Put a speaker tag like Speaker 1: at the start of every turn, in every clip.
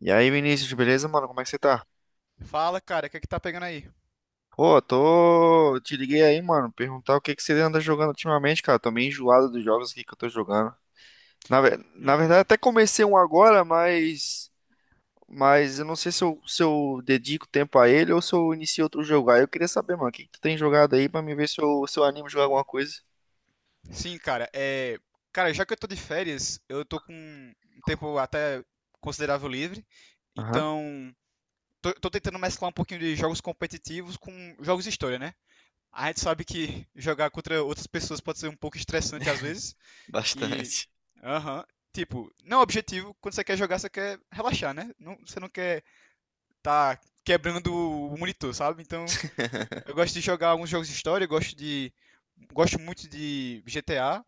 Speaker 1: E aí, Vinícius, beleza, mano? Como é que você tá?
Speaker 2: Fala, cara, o que é que tá pegando aí?
Speaker 1: Pô, tô. Te liguei aí, mano, perguntar o que que você anda jogando ultimamente, cara. Tô meio enjoado dos jogos aqui que eu tô jogando. Na
Speaker 2: Hum,
Speaker 1: verdade, até comecei um agora, mas. Mas eu não sei se eu, se eu dedico tempo a ele ou se eu inicio outro jogo. Aí eu queria saber, mano, o que que tu tem jogado aí pra me ver se eu, se eu animo a jogar alguma coisa.
Speaker 2: sim, cara, é. Cara, já que eu tô de férias, eu tô com um tempo até considerável livre,
Speaker 1: Aham.
Speaker 2: então tô tentando mesclar um pouquinho de jogos competitivos com jogos de história, né? A gente sabe que jogar contra outras pessoas pode ser um pouco estressante às vezes, que.
Speaker 1: Bastante.
Speaker 2: Aham. Tipo, não é um objetivo, quando você quer jogar, você quer relaxar, né? Não, você não quer tá quebrando o monitor, sabe? Então. Eu gosto de jogar alguns jogos de história, eu gosto de. Gosto muito de GTA,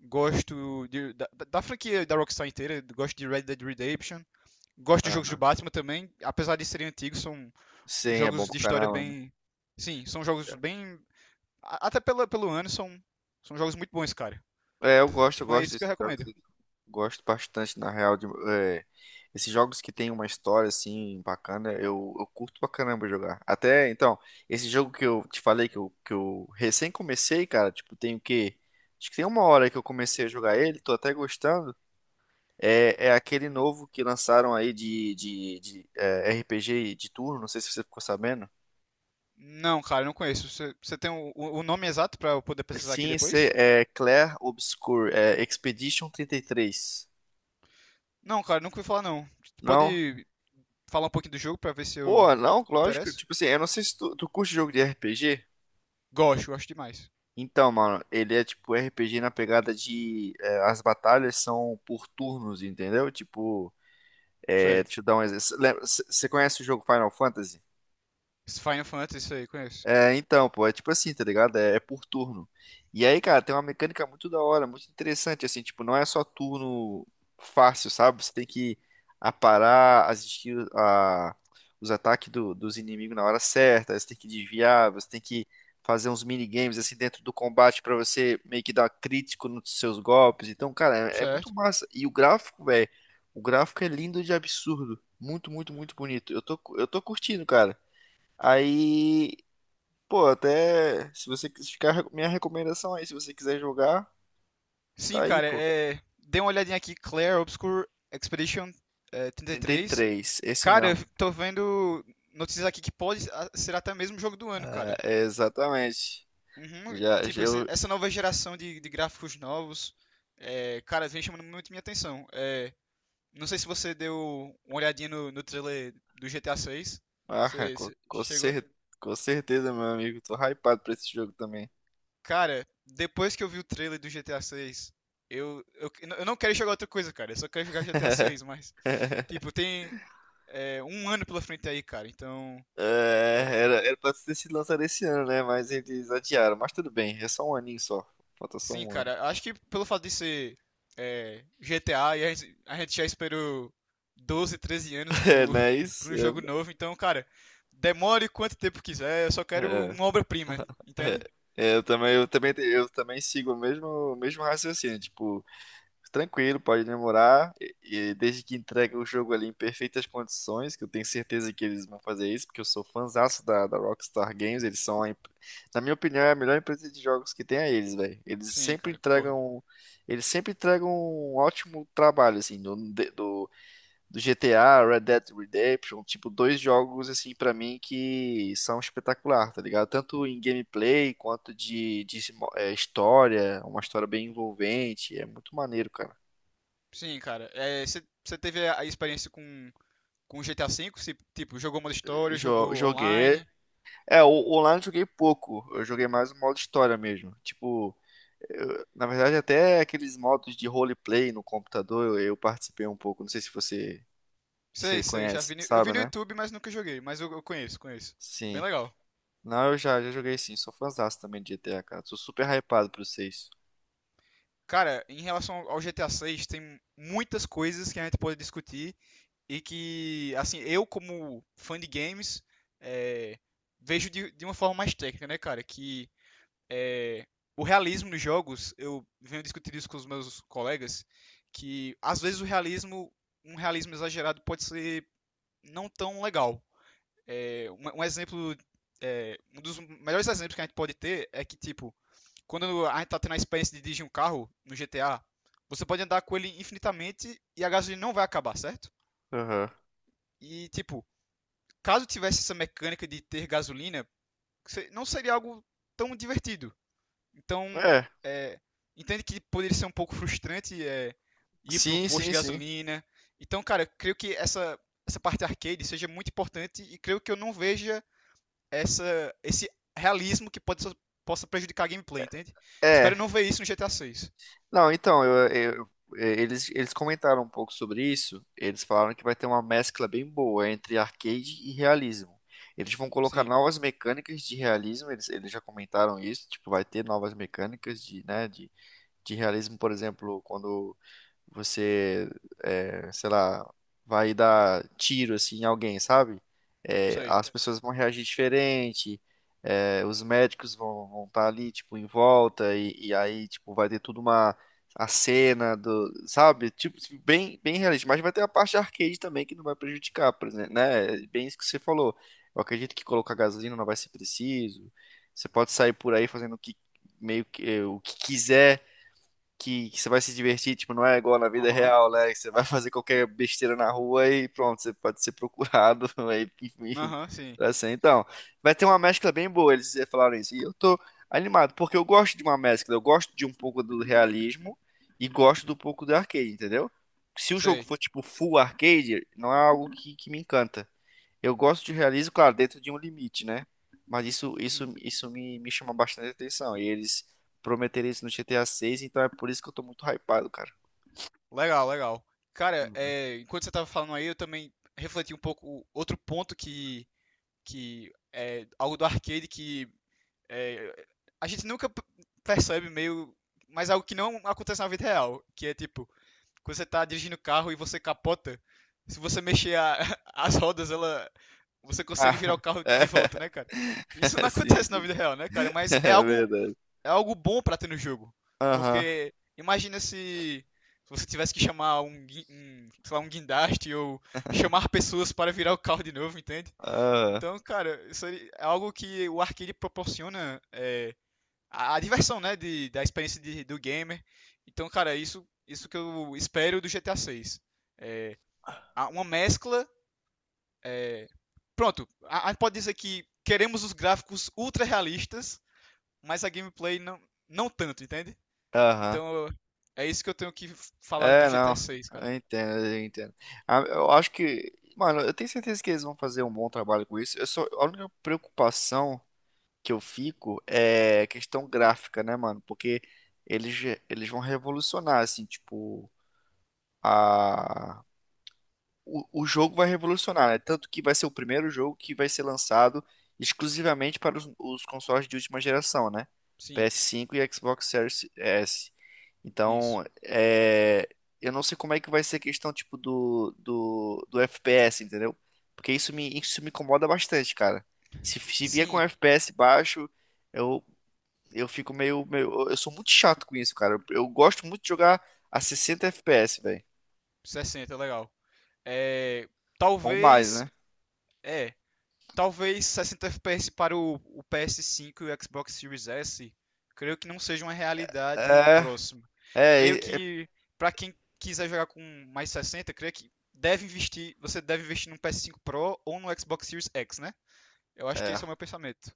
Speaker 2: gosto da franquia da Rockstar inteira, gosto de Red Dead Redemption, gosto de jogos do
Speaker 1: Aham.
Speaker 2: Batman também, apesar de serem antigos, são
Speaker 1: Sim, é bom
Speaker 2: jogos
Speaker 1: pra
Speaker 2: de história
Speaker 1: caramba, né?
Speaker 2: bem. Sim, são jogos bem. Até pela, pelo ano, são jogos muito bons, cara.
Speaker 1: Eu
Speaker 2: Não é
Speaker 1: gosto
Speaker 2: isso que eu
Speaker 1: desses jogos.
Speaker 2: recomendo.
Speaker 1: Eu Gosto bastante, na real, de esses jogos que tem uma história assim bacana, eu curto pra caramba jogar. Até então, esse jogo que eu te falei que eu recém comecei, cara, tipo, tem o quê? Acho que tem uma hora que eu comecei a jogar ele, tô até gostando. É, é aquele novo que lançaram aí de RPG de turno, não sei se você ficou sabendo.
Speaker 2: Não, cara, não conheço. Você tem o, o nome exato pra eu poder pesquisar aqui
Speaker 1: Sim, esse
Speaker 2: depois?
Speaker 1: é Clair Obscur, é Expedition 33.
Speaker 2: Não, cara, nunca ouvi falar não.
Speaker 1: Não?
Speaker 2: Pode falar um pouquinho do jogo pra ver se eu
Speaker 1: Pô, não,
Speaker 2: me
Speaker 1: lógico.
Speaker 2: interesso?
Speaker 1: Tipo assim, eu não sei se tu, tu curte jogo de RPG.
Speaker 2: Gosto, gosto demais.
Speaker 1: Então, mano, ele é tipo RPG na pegada de. As batalhas são por turnos, entendeu?
Speaker 2: Sei.
Speaker 1: Deixa eu dar um exemplo. Você conhece o jogo Final Fantasy?
Speaker 2: Esse Final Fantasy, isso aí, conheço.
Speaker 1: É tipo assim, tá ligado? É por turno. E aí, cara, tem uma mecânica muito da hora, muito interessante, assim, tipo, não é só turno fácil, sabe? Você tem que aparar as skills, os ataques dos inimigos na hora certa, você tem que desviar, você tem que fazer uns minigames, assim, dentro do combate pra você meio que dar crítico nos seus golpes. Então, cara, é muito
Speaker 2: Certo.
Speaker 1: massa. E o gráfico, velho, o gráfico é lindo de absurdo. Muito, muito, muito bonito. Eu tô curtindo, cara. Aí Até se você quis ficar, minha recomendação aí, se você quiser jogar, tá
Speaker 2: Sim,
Speaker 1: aí,
Speaker 2: cara,
Speaker 1: pô.
Speaker 2: dei uma olhadinha aqui, Claire Obscure Expedition
Speaker 1: trinta e
Speaker 2: 33.
Speaker 1: três esse
Speaker 2: Cara, eu
Speaker 1: mesmo.
Speaker 2: tô vendo notícias aqui que pode ser até mesmo o jogo do ano,
Speaker 1: É,
Speaker 2: cara.
Speaker 1: é exatamente.
Speaker 2: Uhum,
Speaker 1: Já, já
Speaker 2: tipo, esse-
Speaker 1: eu.
Speaker 2: essa nova geração de gráficos novos, cara, vem chamando muito minha atenção. É, não sei se você deu uma olhadinha no, no trailer do GTA 6.
Speaker 1: Ah,
Speaker 2: Você,
Speaker 1: com,
Speaker 2: você
Speaker 1: com,
Speaker 2: chegou?
Speaker 1: cer- com certeza, meu amigo. Tô hypado pra esse jogo também.
Speaker 2: Cara, depois que eu vi o trailer do GTA 6, eu, eu, eu não quero jogar outra coisa, cara. Eu só quero jogar GTA 6, mas. Tipo, tem um ano pela frente aí, cara. Então.
Speaker 1: É,
Speaker 2: é,
Speaker 1: era, era pra ter sido lançado esse ano, né? Mas eles adiaram. Mas tudo bem, é só um aninho só. Falta só
Speaker 2: sim,
Speaker 1: um ano.
Speaker 2: cara. Acho que pelo fato de ser GTA, e a gente já esperou 12, 13 anos
Speaker 1: É,
Speaker 2: por,
Speaker 1: não é
Speaker 2: por
Speaker 1: isso?
Speaker 2: um jogo novo. Então, cara, demore quanto tempo quiser. Eu só
Speaker 1: É,
Speaker 2: quero uma obra-prima,
Speaker 1: é, é.
Speaker 2: entende?
Speaker 1: É, eu também, eu também sigo o mesmo raciocínio. Tipo. Tranquilo, pode demorar. E desde que entregue o jogo ali em perfeitas condições, que eu tenho certeza que eles vão fazer isso, porque eu sou fãzaço da, da Rockstar Games, eles são, a, empre- na minha opinião, é a melhor empresa de jogos que tem a eles, velho.
Speaker 2: Sim, cara, concordo.
Speaker 1: Eles sempre entregam um ótimo trabalho, assim, do do GTA, Red Dead Redemption, tipo, dois jogos, assim, pra mim que são espetacular, tá ligado? Tanto em gameplay quanto de história, uma história bem envolvente, é muito maneiro, cara.
Speaker 2: Sim, cara. Você teve a experiência com GTA V? Se, tipo, jogou modo história, jogou
Speaker 1: Joguei.
Speaker 2: online?
Speaker 1: É, o online eu joguei pouco. Eu joguei mais o modo história mesmo. Tipo, na verdade, até aqueles modos de roleplay no computador eu participei um pouco. Não sei se você, você
Speaker 2: Sei, sei, já vi.
Speaker 1: conhece,
Speaker 2: Eu vi
Speaker 1: sabe,
Speaker 2: no
Speaker 1: né?
Speaker 2: YouTube, mas nunca joguei. Mas eu conheço, conheço. Bem
Speaker 1: Sim.
Speaker 2: legal.
Speaker 1: Não, já joguei sim. Sou fãzaço também de GTA, cara. Sou super hypado pro 6.
Speaker 2: Cara, em relação ao GTA 6, tem muitas coisas que a gente pode discutir e que, assim, eu como fã de games, eh, vejo de uma forma mais técnica, né, cara? Que eh, o realismo nos jogos, eu venho discutindo isso com os meus colegas, que às vezes o realismo, um realismo exagerado pode ser não tão legal. É, um exemplo, um dos melhores exemplos que a gente pode ter é que, tipo, quando a gente tá tendo a experiência de dirigir um carro no GTA, você pode andar com ele infinitamente e a gasolina não vai acabar, certo?
Speaker 1: Aham.
Speaker 2: E, tipo, caso tivesse essa mecânica de ter gasolina, não seria algo tão divertido. Então,
Speaker 1: É,
Speaker 2: é, entende que poderia ser um pouco frustrante ir pro
Speaker 1: sim,
Speaker 2: posto de
Speaker 1: sim, sim.
Speaker 2: gasolina. Então, cara, eu creio que essa parte arcade seja muito importante e creio que eu não veja esse realismo que possa prejudicar a gameplay, entende?
Speaker 1: É,
Speaker 2: Espero não ver isso no GTA 6.
Speaker 1: não, então, eles comentaram um pouco sobre isso. Eles falaram que vai ter uma mescla bem boa entre arcade e realismo. Eles vão colocar
Speaker 2: Sim,
Speaker 1: novas mecânicas de realismo, eles já comentaram isso, tipo, vai ter novas mecânicas de realismo, por exemplo, quando você, sei lá, vai dar tiro assim em alguém, sabe?
Speaker 2: sei.
Speaker 1: As pessoas vão reagir diferente, os médicos vão estar ali, tipo, em volta, e aí, tipo, vai ter tudo uma a cena do, sabe? Tipo, bem, bem realista, mas vai ter a parte arcade também que não vai prejudicar, por exemplo, né? É bem isso que você falou. Eu acredito que colocar gasolina não vai ser preciso. Você pode sair por aí fazendo o que meio que o que quiser que você vai se divertir, tipo, não é igual na vida
Speaker 2: Aham,
Speaker 1: real, né? Que você vai fazer qualquer besteira na rua e pronto, você pode ser procurado, aí, enfim,
Speaker 2: aham, sim,
Speaker 1: assim. Então, vai ter uma mescla bem boa, eles falaram isso. E eu tô animado, porque eu gosto de uma mescla, eu gosto de um pouco do realismo e gosto do pouco do arcade, entendeu? Se o jogo
Speaker 2: sei.
Speaker 1: for, tipo, full arcade, não é algo que me encanta. Eu gosto de realismo, claro, dentro de um limite, né? Mas
Speaker 2: Uhum.
Speaker 1: isso me, me chama bastante atenção. E eles prometeram isso no GTA 6, então é por isso que eu tô muito hypado, cara.
Speaker 2: Legal, legal. Cara,
Speaker 1: Uhum.
Speaker 2: enquanto você tava falando aí, eu também refleti um pouco outro ponto que é algo do arcade que é, a gente nunca percebe meio, mas algo que não acontece na vida real, que é tipo, quando você tá dirigindo o carro e você capota, se você mexer as rodas, ela você consegue
Speaker 1: Ah,
Speaker 2: virar o carro
Speaker 1: é.
Speaker 2: de volta, né, cara? Isso não
Speaker 1: Sim,
Speaker 2: acontece na
Speaker 1: sim.
Speaker 2: vida real, né, cara? Mas
Speaker 1: É
Speaker 2: é algo
Speaker 1: verdade.
Speaker 2: é algo bom pra ter no jogo,
Speaker 1: Aham.
Speaker 2: porque imagina se você tivesse que chamar um, um, sei lá, um guindaste ou chamar pessoas para virar o carro de novo, entende?
Speaker 1: Aham.
Speaker 2: Então, cara, isso aí é algo que o arcade proporciona a diversão, né, da experiência do gamer. Então, cara, isso que eu espero do GTA 6. Uma mescla. é, Pronto, a gente pode dizer que queremos os gráficos ultra realistas, mas a gameplay não, não tanto, entende?
Speaker 1: Aham.
Speaker 2: Então, é isso que eu tenho que falar do
Speaker 1: É,
Speaker 2: GTA
Speaker 1: não.
Speaker 2: 6, cara.
Speaker 1: Eu entendo, eu entendo. Ah, eu acho que, mano, eu tenho certeza que eles vão fazer um bom trabalho com isso. Eu só, a única preocupação que eu fico é questão gráfica, né, mano? Porque eles, eles vão revolucionar, assim, tipo, a... o jogo vai revolucionar, né? Tanto que vai ser o primeiro jogo que vai ser lançado exclusivamente para os consoles de última geração, né?
Speaker 2: Sim,
Speaker 1: PS5 e Xbox Series S.
Speaker 2: isso.
Speaker 1: Então, é... eu não sei como é que vai ser a questão, tipo, do FPS, entendeu? Porque isso me incomoda bastante, cara. Se vier com
Speaker 2: Sim,
Speaker 1: FPS baixo, eu, eu fico meio, meio. Eu sou muito chato com isso, cara. Eu gosto muito de jogar a 60 FPS, velho.
Speaker 2: 60, legal. É,
Speaker 1: Ou mais,
Speaker 2: talvez.
Speaker 1: né?
Speaker 2: É, Talvez 60 FPS para o PS5 e o Xbox Series S, creio que não seja uma realidade
Speaker 1: É,
Speaker 2: próxima. Creio
Speaker 1: é, é,
Speaker 2: que para quem quiser jogar com mais 60, creio que deve investir, você deve investir no PS5 Pro ou no Xbox Series X, né? Eu acho que
Speaker 1: é.
Speaker 2: esse é o meu pensamento.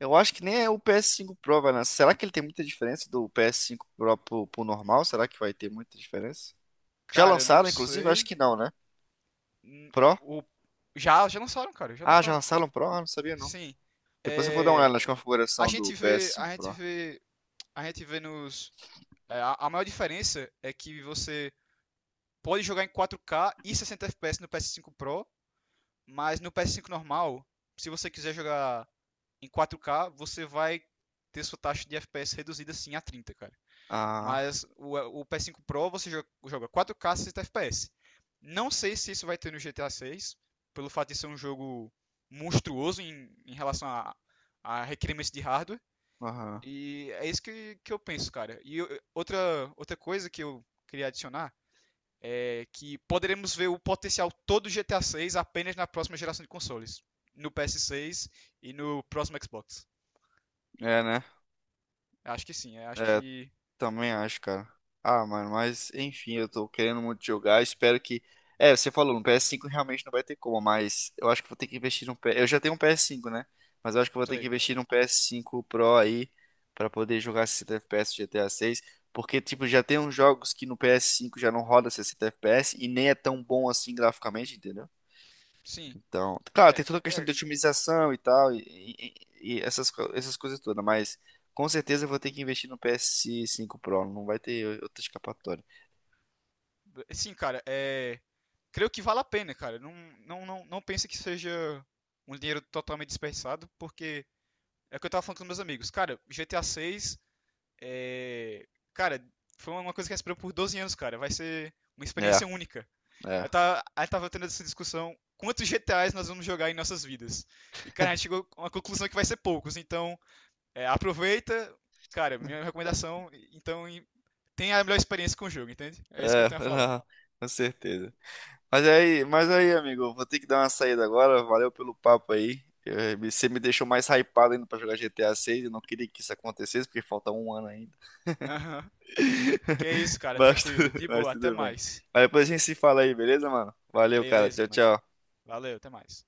Speaker 1: Eu acho que nem é o ps cinco Pro, vai lançar. Será que ele tem muita diferença do ps cinco Pro pro normal? Será que vai ter muita diferença? Já
Speaker 2: Cara, eu não
Speaker 1: lançaram, inclusive? Acho
Speaker 2: sei.
Speaker 1: que não, né? Pro?
Speaker 2: O... já lançaram, cara, já
Speaker 1: Ah, já
Speaker 2: lançaram.
Speaker 1: lançaram o Pro? Ah, não sabia não.
Speaker 2: Sim.
Speaker 1: Depois eu vou dar uma
Speaker 2: É,
Speaker 1: olhada nas
Speaker 2: A
Speaker 1: configurações
Speaker 2: gente
Speaker 1: do ps
Speaker 2: vê, a
Speaker 1: cinco
Speaker 2: gente
Speaker 1: Pro.
Speaker 2: vê, a gente vê a maior diferença é que você pode jogar em 4K e 60 FPS no PS5 Pro, mas no PS5 normal, se você quiser jogar em 4K, você vai ter sua taxa de FPS reduzida sim a 30, cara.
Speaker 1: Ah,
Speaker 2: Mas o PS5 Pro você joga 4K 60 FPS. Não sei se isso vai ter no GTA 6, pelo fato de ser um jogo monstruoso em relação a requerimentos de hardware.
Speaker 1: aham.
Speaker 2: E é isso que eu penso, cara. E outra coisa que eu queria adicionar que poderemos ver o potencial todo do GTA 6 apenas na próxima geração de consoles, no PS6 e no próximo Xbox.
Speaker 1: É, né?
Speaker 2: Acho que sim,
Speaker 1: É, também acho, cara. Ah, mano, mas enfim, eu tô querendo muito jogar. Espero que. É, você falou, no PS5 realmente não vai ter como, mas eu acho que vou ter que investir num PS. Eu já tenho um PS5, né? Mas eu acho que eu vou ter que
Speaker 2: sei,
Speaker 1: investir num PS5 Pro aí pra poder jogar 60 FPS GTA 6. Porque, tipo, já tem uns jogos que no PS5 já não roda 60 FPS e nem é tão bom assim graficamente, entendeu?
Speaker 2: sim,
Speaker 1: Então, claro, tem
Speaker 2: é,
Speaker 1: toda a questão
Speaker 2: é,
Speaker 1: de otimização e tal, e, e essas, essas coisas todas, mas com certeza eu vou ter que investir no PS5 Pro, não vai ter outra escapatória.
Speaker 2: sim, cara, creio que vale a pena, cara. Não, não, não, não pense que seja um dinheiro totalmente desperdiçado, porque é o que eu tava falando com meus amigos. Cara, GTA 6 é. Cara, foi uma coisa que a gente esperou por 12 anos, cara. Vai ser uma
Speaker 1: É,
Speaker 2: experiência única.
Speaker 1: é,
Speaker 2: Aí tava tendo essa discussão, quantos GTAs nós vamos jogar em nossas vidas? E, cara, a gente chegou a uma conclusão que vai ser poucos. Então, aproveita. Cara, minha recomendação, então, tenha a melhor experiência com o jogo, entende? É isso que eu
Speaker 1: é,
Speaker 2: tenho a falar.
Speaker 1: não, com certeza. Mas é aí, amigo, eu vou ter que dar uma saída agora, valeu pelo papo aí. Eh, você me deixou mais hypado ainda pra jogar GTA 6, eu não queria que isso acontecesse, porque falta um ano ainda.
Speaker 2: Aham. Que é isso, cara.
Speaker 1: Mas, tu-
Speaker 2: Tranquilo. De
Speaker 1: mas
Speaker 2: boa. Até
Speaker 1: tudo bem.
Speaker 2: mais.
Speaker 1: Mas depois a gente se fala aí, beleza, mano? Valeu, cara.
Speaker 2: Beleza,
Speaker 1: Tchau,
Speaker 2: mano.
Speaker 1: tchau.
Speaker 2: Valeu. Até mais.